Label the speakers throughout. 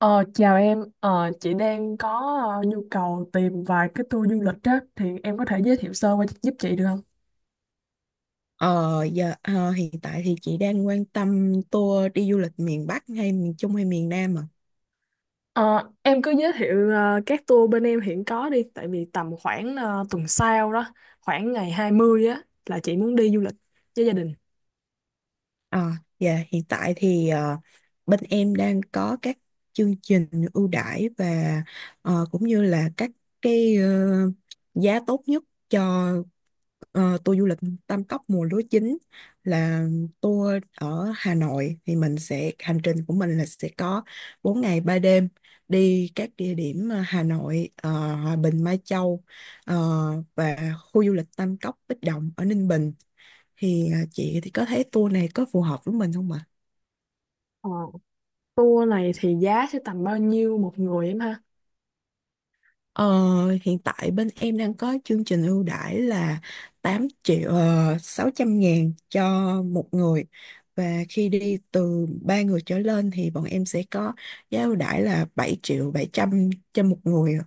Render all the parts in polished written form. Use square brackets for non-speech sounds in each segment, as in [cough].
Speaker 1: Ờ, Chào em, chị đang có nhu cầu tìm vài cái tour du lịch á, thì em có thể giới thiệu sơ qua giúp chị được không?
Speaker 2: Ờ, giờ hiện tại thì chị đang quan tâm tour đi du lịch miền Bắc hay miền Trung hay miền Nam ạ?
Speaker 1: Ờ, em cứ giới thiệu các tour bên em hiện có đi, tại vì tầm khoảng tuần sau đó, khoảng ngày 20 á, là chị muốn đi du lịch với gia đình.
Speaker 2: Ờ, dạ hiện tại thì bên em đang có các chương trình ưu đãi và cũng như là các cái ờ, giá tốt nhất cho tour du lịch Tam Cốc mùa lúa chín là tour ở Hà Nội. Thì mình sẽ hành trình của mình là sẽ có 4 ngày 3 đêm đi các địa điểm Hà Nội, Hòa Bình, Mai Châu, ờ, và khu du lịch Tam Cốc Bích Động ở Ninh Bình. Thì chị thì có thấy tour này có phù hợp với mình không ạ?
Speaker 1: Ờ, Tour này thì giá sẽ tầm bao nhiêu một người em ha?
Speaker 2: Ờ, Hiện tại bên em đang có chương trình ưu đãi là 8 triệu 600 ngàn cho một người, và khi đi từ 3 người trở lên thì bọn em sẽ có giá ưu đãi là 7.700.000 cho một người.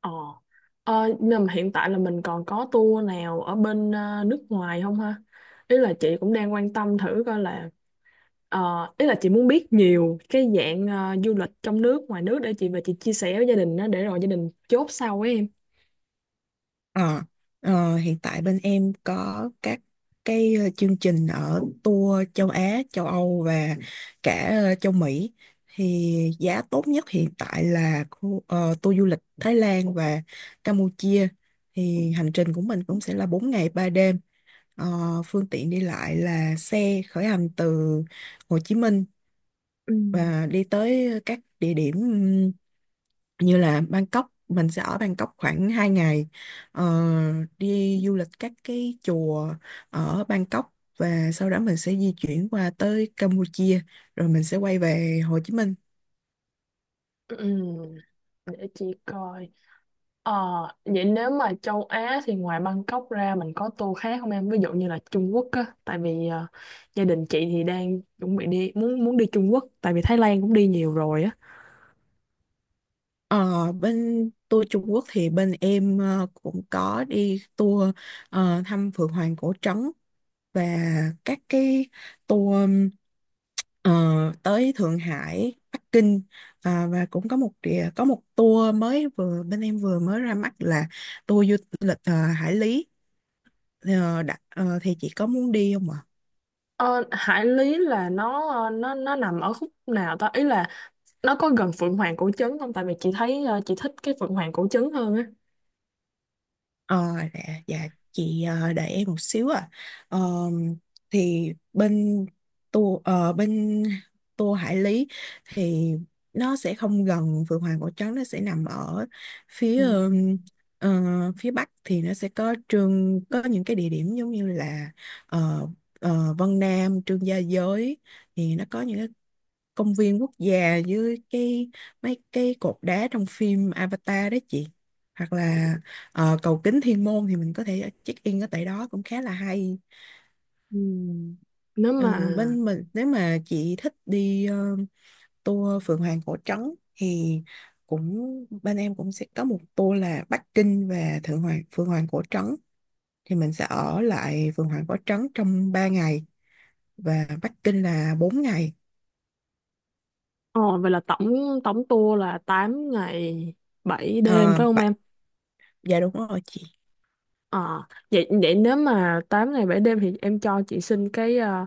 Speaker 1: Ờ, nhưng mà hiện tại là mình còn có tour nào ở bên nước ngoài không ha? Ý là chị cũng đang quan tâm thử coi là. Ờ, Ý là chị muốn biết nhiều cái dạng du lịch trong nước, ngoài nước để chị và chị chia sẻ với gia đình đó để rồi gia đình chốt sau ấy em.
Speaker 2: Ờ, Hiện tại bên em có các chương trình ở tour châu Á, châu Âu và cả châu Mỹ. Thì giá tốt nhất hiện tại là tour du lịch Thái Lan và Campuchia. Thì hành trình của mình cũng sẽ là 4 ngày 3 đêm. Ờ, Phương tiện đi lại là xe khởi hành từ Hồ Chí Minh
Speaker 1: Ừ.
Speaker 2: và đi tới các địa điểm như là Bangkok. Mình sẽ ở Bangkok khoảng 2 ngày, ờ, đi du lịch các cái chùa ở Bangkok, và sau đó mình sẽ di chuyển qua tới Campuchia rồi mình sẽ quay về Hồ Chí Minh.
Speaker 1: ừm, Để chị coi. Ờ, Vậy nếu mà châu Á thì ngoài Bangkok ra mình có tour khác không em? Ví dụ như là Trung Quốc á, tại vì gia đình chị thì đang chuẩn bị đi muốn muốn đi Trung Quốc, tại vì Thái Lan cũng đi nhiều rồi á.
Speaker 2: Ờ, Bên tour Trung Quốc thì bên em cũng có đi tour thăm Phượng Hoàng Cổ Trấn, và các cái tour ờ, tới Thượng Hải, Bắc Kinh. Và cũng có có một tour mới vừa bên em vừa mới ra mắt là tour du lịch Hải Lý. Thì chị có muốn đi không ạ?
Speaker 1: Ờ, Hải Lý là nó nó nằm ở khúc nào ta? Ý là nó có gần Phượng Hoàng cổ trấn không tại vì chị thấy chị thích cái Phượng Hoàng cổ trấn hơn á.
Speaker 2: Ờ, dạ, dạ chị đợi em một xíu ạ. Ờ, thì bên tour Hải Lý thì nó sẽ không gần Phượng Hoàng Cổ Trấn, nó sẽ nằm ở
Speaker 1: Ừ.
Speaker 2: phía phía bắc. Thì nó sẽ có những cái địa điểm giống như là ờ, Vân Nam, Trương Gia Giới. Thì nó có những cái công viên quốc gia với cái mấy cái cột đá trong phim Avatar đó chị, hoặc là cầu kính Thiên Môn thì mình có thể check in ở tại đó cũng khá là hay.
Speaker 1: Ừ. Nếu
Speaker 2: Ờ,
Speaker 1: mà
Speaker 2: Bên mình nếu mà chị thích đi tour Phượng Hoàng Cổ Trấn thì cũng bên em cũng sẽ có một tour là Bắc Kinh và Thượng Hoàng Phượng Hoàng Cổ Trấn. Thì mình sẽ ở lại Phượng Hoàng Cổ Trấn trong 3 ngày và Bắc Kinh là 4 ngày.
Speaker 1: ờ vậy là tổng tổng tour là 8 ngày 7 đêm
Speaker 2: Ờ,
Speaker 1: phải không
Speaker 2: Bạch-
Speaker 1: em?
Speaker 2: dạ đúng rồi chị.
Speaker 1: Ờ vậy vậy nếu mà 8 ngày 7 đêm thì em cho chị xin cái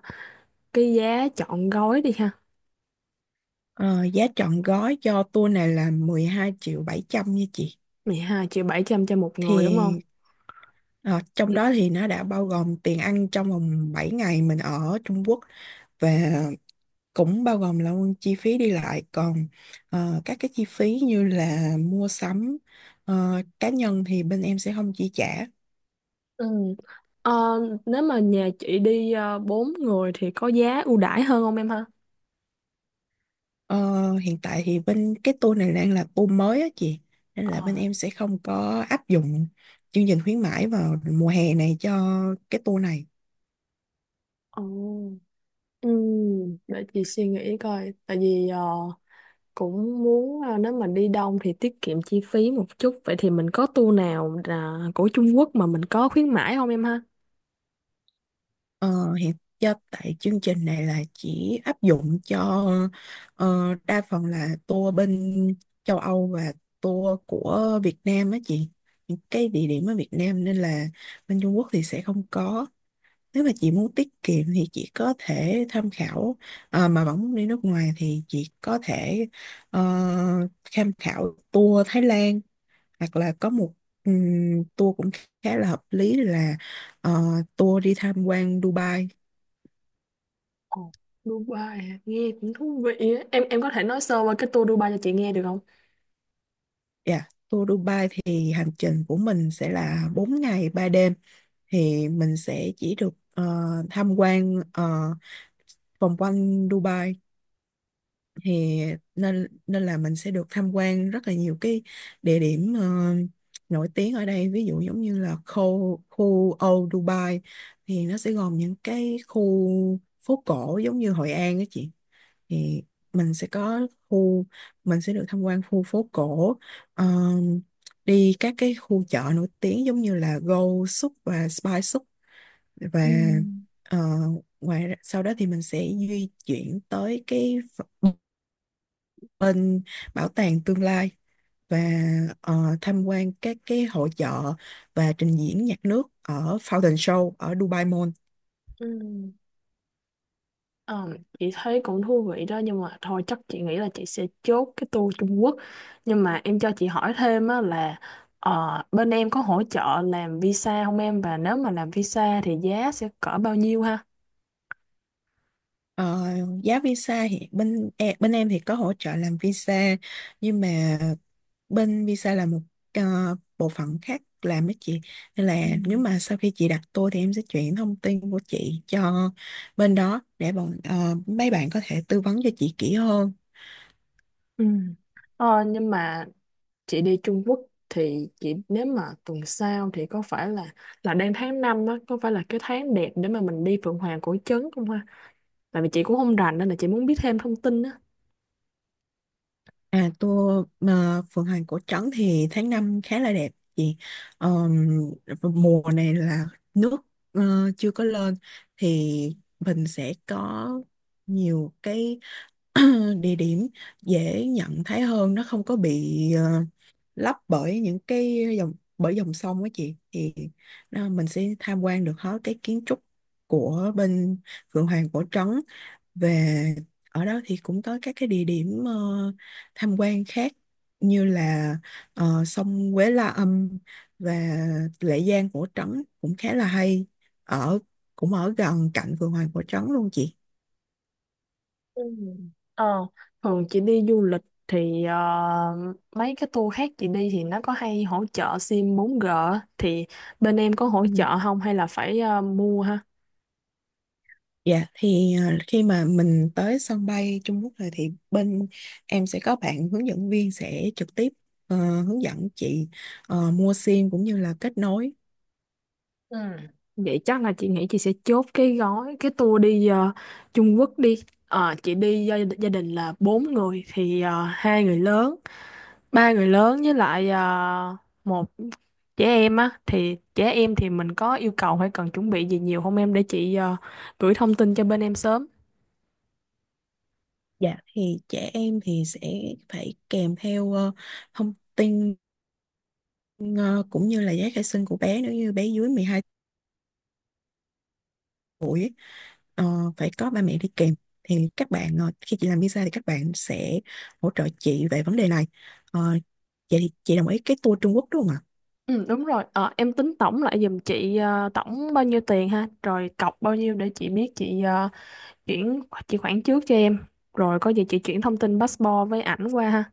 Speaker 1: cái giá trọn gói đi ha.
Speaker 2: Ờ, Giá trọn gói cho tour này là 12.700.000 nha chị.
Speaker 1: 12 triệu 700 cho một người đúng
Speaker 2: Thì
Speaker 1: không?
Speaker 2: ờ, trong
Speaker 1: Ừ.
Speaker 2: đó thì nó đã bao gồm tiền ăn trong vòng 7 ngày mình ở Trung Quốc, và cũng bao gồm là chi phí đi lại. Còn các cái chi phí như là mua sắm cá nhân thì bên em sẽ không chi trả.
Speaker 1: Ừ. Ờ, Nếu mà nhà chị đi 4 người thì có giá ưu đãi hơn không em ha?
Speaker 2: Ờ, Hiện tại thì bên cái tour này đang là tour mới á chị. Nên
Speaker 1: ờ
Speaker 2: là bên em sẽ không có áp dụng chương trình khuyến mãi vào mùa hè này cho cái tour này.
Speaker 1: Ồ. Để chị suy nghĩ coi tại vì cũng muốn nếu mà đi đông thì tiết kiệm chi phí một chút vậy thì mình có tour nào là của Trung Quốc mà mình có khuyến mãi không em ha?
Speaker 2: Ờ, Hiện tại chương trình này là chỉ áp dụng cho đa phần là tour bên châu Âu và tour của Việt Nam á chị, những cái địa điểm ở Việt Nam, nên là bên Trung Quốc thì sẽ không có. Nếu mà chị muốn tiết kiệm thì chị có thể tham khảo. Mà vẫn muốn đi nước ngoài thì chị có thể ờ, tham khảo tour Thái Lan, hoặc là có một tour cũng khá là hợp lý là ờ, tour đi tham quan Dubai.
Speaker 1: Ồ, Dubai à? Nghe cũng thú vị á. Em có thể nói sơ qua cái tour Dubai cho chị nghe được không?
Speaker 2: Dạ, tour Dubai thì hành trình của mình sẽ là 4 ngày 3 đêm. Thì mình sẽ chỉ được tham quan vòng quanh Dubai. Thì nên nên là mình sẽ được tham quan rất là nhiều cái địa điểm nổi tiếng ở đây, ví dụ giống như là khu khu Old Dubai. Thì nó sẽ gồm những cái khu phố cổ giống như Hội An đó chị. Thì mình sẽ có khu mình sẽ được tham quan khu phố cổ, ờ, đi các cái khu chợ nổi tiếng giống như là Gold Souk và Spice Souk, và
Speaker 1: Ừm.
Speaker 2: ờ, sau đó thì mình sẽ di chuyển tới ph- bên bảo tàng tương lai, và tham quan các cái hội chợ và trình diễn nhạc nước ở Fountain Show ở Dubai Mall.
Speaker 1: Ừ. Ờ, chị thấy cũng thú vị đó nhưng mà thôi chắc chị nghĩ là chị sẽ chốt cái tour Trung Quốc nhưng mà em cho chị hỏi thêm á là bên em có hỗ trợ làm visa không em và nếu mà làm visa thì giá sẽ cỡ bao nhiêu ha?
Speaker 2: Ờ, Giá visa thì bên em thì có hỗ trợ làm visa, nhưng mà bên visa là một bộ phận khác làm với chị. Nên là
Speaker 1: Ừ.
Speaker 2: nếu mà sau khi chị đặt tour thì em sẽ chuyển thông tin của chị cho bên đó để mấy bạn có thể tư vấn cho chị kỹ hơn.
Speaker 1: Ừ. Nhưng mà chị đi Trung Quốc thì chị nếu mà tuần sau thì có phải là đang tháng 5 á có phải là cái tháng đẹp để mà mình đi Phượng Hoàng Cổ Trấn không ha? Tại vì chị cũng không rành nên là chị muốn biết thêm thông tin á.
Speaker 2: À, tour mà Phượng Hoàng Cổ Trấn thì tháng 5 khá là đẹp chị. Ờm, Mùa này là nước chưa có lên. Thì mình sẽ có nhiều cái [clears throat] địa điểm dễ nhận thấy hơn, nó không có bị lấp bởi những cái dòng bởi dòng sông á chị. Thì à, mình sẽ tham quan được hết cái kiến trúc của bên Phượng Hoàng Cổ Trấn. về Ở đó thì cũng có các cái địa điểm tham quan khác như là sông Quế La Âm và Lệ Giang Cổ Trấn cũng khá là hay, ở cũng ở gần cạnh Phượng Hoàng Cổ Trấn luôn chị.
Speaker 1: Ừ. Ờ, Thường chị đi du lịch thì mấy cái tour khác chị đi thì nó có hay hỗ trợ sim 4G á. Thì bên em có hỗ
Speaker 2: Ừ.
Speaker 1: trợ không hay là phải mua ha?
Speaker 2: Dạ thì khi mà mình tới sân bay Trung Quốc rồi thì bên em sẽ có bạn hướng dẫn viên sẽ trực tiếp ờ, hướng dẫn chị mua sim cũng như là kết nối.
Speaker 1: Ừ. Vậy chắc là chị nghĩ chị sẽ chốt cái gói cái tour đi Trung Quốc đi. Chị đi gia đình là bốn người thì hai người lớn, ba người lớn với lại một trẻ em á thì trẻ em thì mình có yêu cầu hay cần chuẩn bị gì nhiều không em để chị gửi thông tin cho bên em sớm.
Speaker 2: Dạ thì trẻ em thì sẽ phải kèm theo thông tin ờ, cũng như là giấy khai sinh của bé. Nếu như bé dưới 12 tuổi ấy, ờ, phải có ba mẹ đi kèm. Thì các bạn khi chị làm visa thì các bạn sẽ hỗ trợ chị về vấn đề này. Ờ, Vậy thì chị đồng ý cái tour Trung Quốc đúng không ạ?
Speaker 1: Ừ đúng rồi. Ờ, em tính tổng lại giùm chị tổng bao nhiêu tiền ha, rồi cọc bao nhiêu để chị biết chị chuyển chị khoản trước cho em rồi có gì chị chuyển thông tin passport với ảnh qua ha.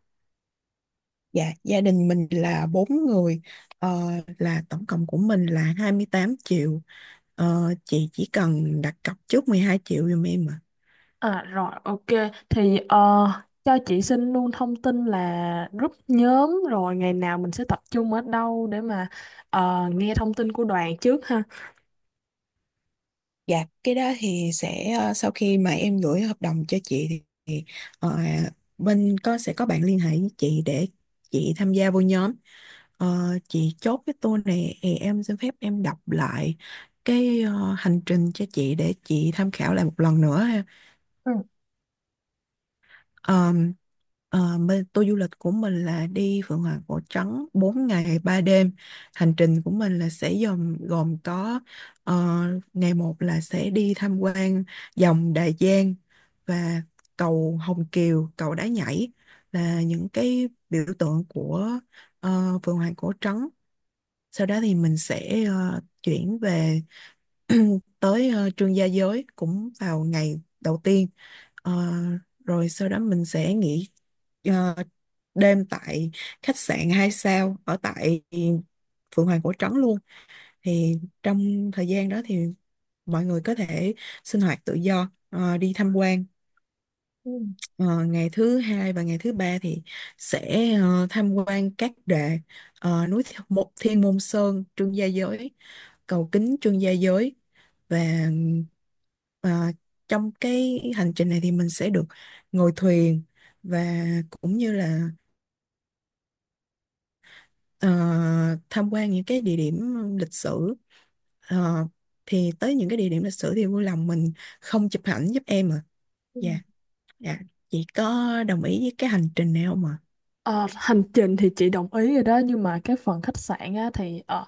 Speaker 2: Dạ, gia đình mình là bốn người, ờ, là tổng cộng của mình là 28 triệu. Chị chỉ cần đặt cọc trước 12 triệu giùm em ạ.
Speaker 1: À rồi ok thì cho chị xin luôn thông tin là group nhóm rồi ngày nào mình sẽ tập trung ở đâu để mà nghe thông tin của đoàn trước ha.
Speaker 2: Dạ, cái đó thì sẽ sau khi mà em gửi hợp đồng cho chị thì ờ, bên sẽ có bạn liên hệ với chị để chị tham gia vô nhóm. Chị chốt cái tour này thì em xin phép em đọc lại hành trình cho chị để chị tham khảo lại một lần nữa.
Speaker 1: Ừ,
Speaker 2: Ờm, Tour du lịch của mình là đi Phượng Hoàng Cổ Trắng 4 ngày 3 đêm. Hành trình của mình là sẽ gồm gồm có ờ, ngày 1 là sẽ đi tham quan dòng Đại Giang và cầu Hồng Kiều, cầu Đá Nhảy, là những cái biểu tượng của Phượng Hoàng Cổ Trắng. Sau đó thì mình sẽ chuyển về [clears throat] tới Trương Gia Giới cũng vào ngày đầu tiên. Ờ, Rồi sau đó mình sẽ nghỉ ờ, đêm tại khách sạn 2 sao ở tại Phượng Hoàng Cổ Trấn luôn. Thì trong thời gian đó thì mọi người có thể sinh hoạt tự do, đi tham quan.
Speaker 1: ừ,
Speaker 2: Ờ, Ngày thứ hai và ngày thứ ba thì sẽ tham quan núi Thiên Môn Sơn, Trương Gia Giới, cầu kính Trương Gia Giới, và ờ, trong cái hành trình này thì mình sẽ được ngồi thuyền, và cũng như là ờ, tham quan những cái địa điểm lịch sử. Ờ, thì tới những cái địa điểm lịch sử thì vui lòng mình không chụp ảnh giúp em à. Dạ,
Speaker 1: ừ.
Speaker 2: dạ, chị có đồng ý với cái hành trình này không ạ?
Speaker 1: Ờ, Hành trình thì chị đồng ý rồi đó nhưng mà cái phần khách sạn á, thì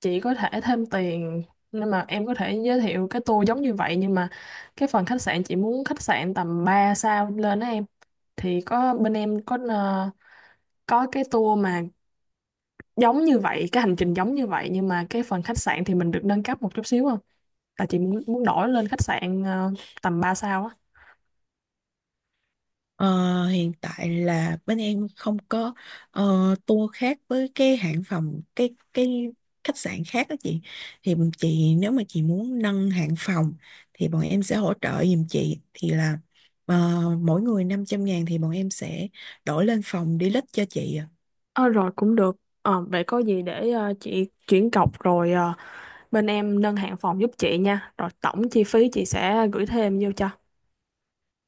Speaker 1: chị có thể thêm tiền nên mà em có thể giới thiệu cái tour giống như vậy nhưng mà cái phần khách sạn chị muốn khách sạn tầm 3 sao lên á em thì có bên em có cái tour mà giống như vậy cái hành trình giống như vậy nhưng mà cái phần khách sạn thì mình được nâng cấp một chút xíu không là chị muốn muốn đổi lên khách sạn tầm ba sao á.
Speaker 2: Ờ, Hiện tại là bên em không có tour khác với cái hãng phòng cái khách sạn khác đó chị. Thì chị Nếu mà chị muốn nâng hạng phòng thì bọn em sẽ hỗ trợ giùm chị, thì là ờ, mỗi người 500 ngàn thì bọn em sẽ đổi lên phòng deluxe cho chị.
Speaker 1: Ờ Rồi cũng được. Vậy có gì để chị chuyển cọc rồi bên em nâng hạng phòng giúp chị nha. Rồi tổng chi phí chị sẽ gửi thêm vô cho.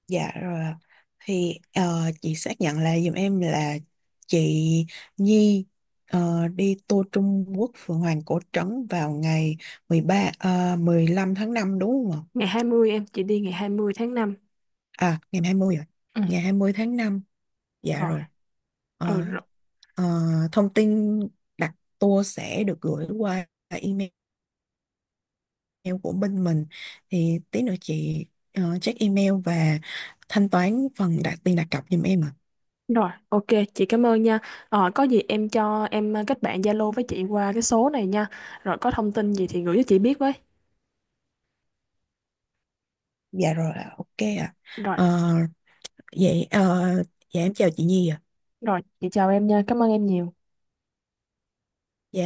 Speaker 2: Dạ rồi ạ. Thì chị xác nhận lại giùm em là chị Nhi đi tour Trung Quốc Phượng Hoàng Cổ Trấn vào ngày 13 15 tháng 5 đúng không ạ?
Speaker 1: Ngày 20 em, chị đi ngày 20 tháng 5.
Speaker 2: À, ngày 20 rồi.
Speaker 1: Ừ,
Speaker 2: Ngày 20 tháng 5. Dạ
Speaker 1: rồi.
Speaker 2: rồi.
Speaker 1: Ừ
Speaker 2: Ờ,
Speaker 1: rồi.
Speaker 2: ờ, Thông tin đặt tour sẽ được gửi qua email của bên mình. Thì tí nữa chị check email và thanh toán phần đặt cọc giùm em ạ.
Speaker 1: Rồi, ok, chị cảm ơn nha. Có gì em cho em kết bạn Zalo với chị qua cái số này nha. Rồi có thông tin gì thì gửi cho chị biết với.
Speaker 2: Dạ rồi ạ. Ok ạ.
Speaker 1: Rồi,
Speaker 2: Ờ, Vậy dạ em chào chị Nhi ạ.
Speaker 1: rồi, chị chào em nha. Cảm ơn em nhiều.
Speaker 2: Dạ.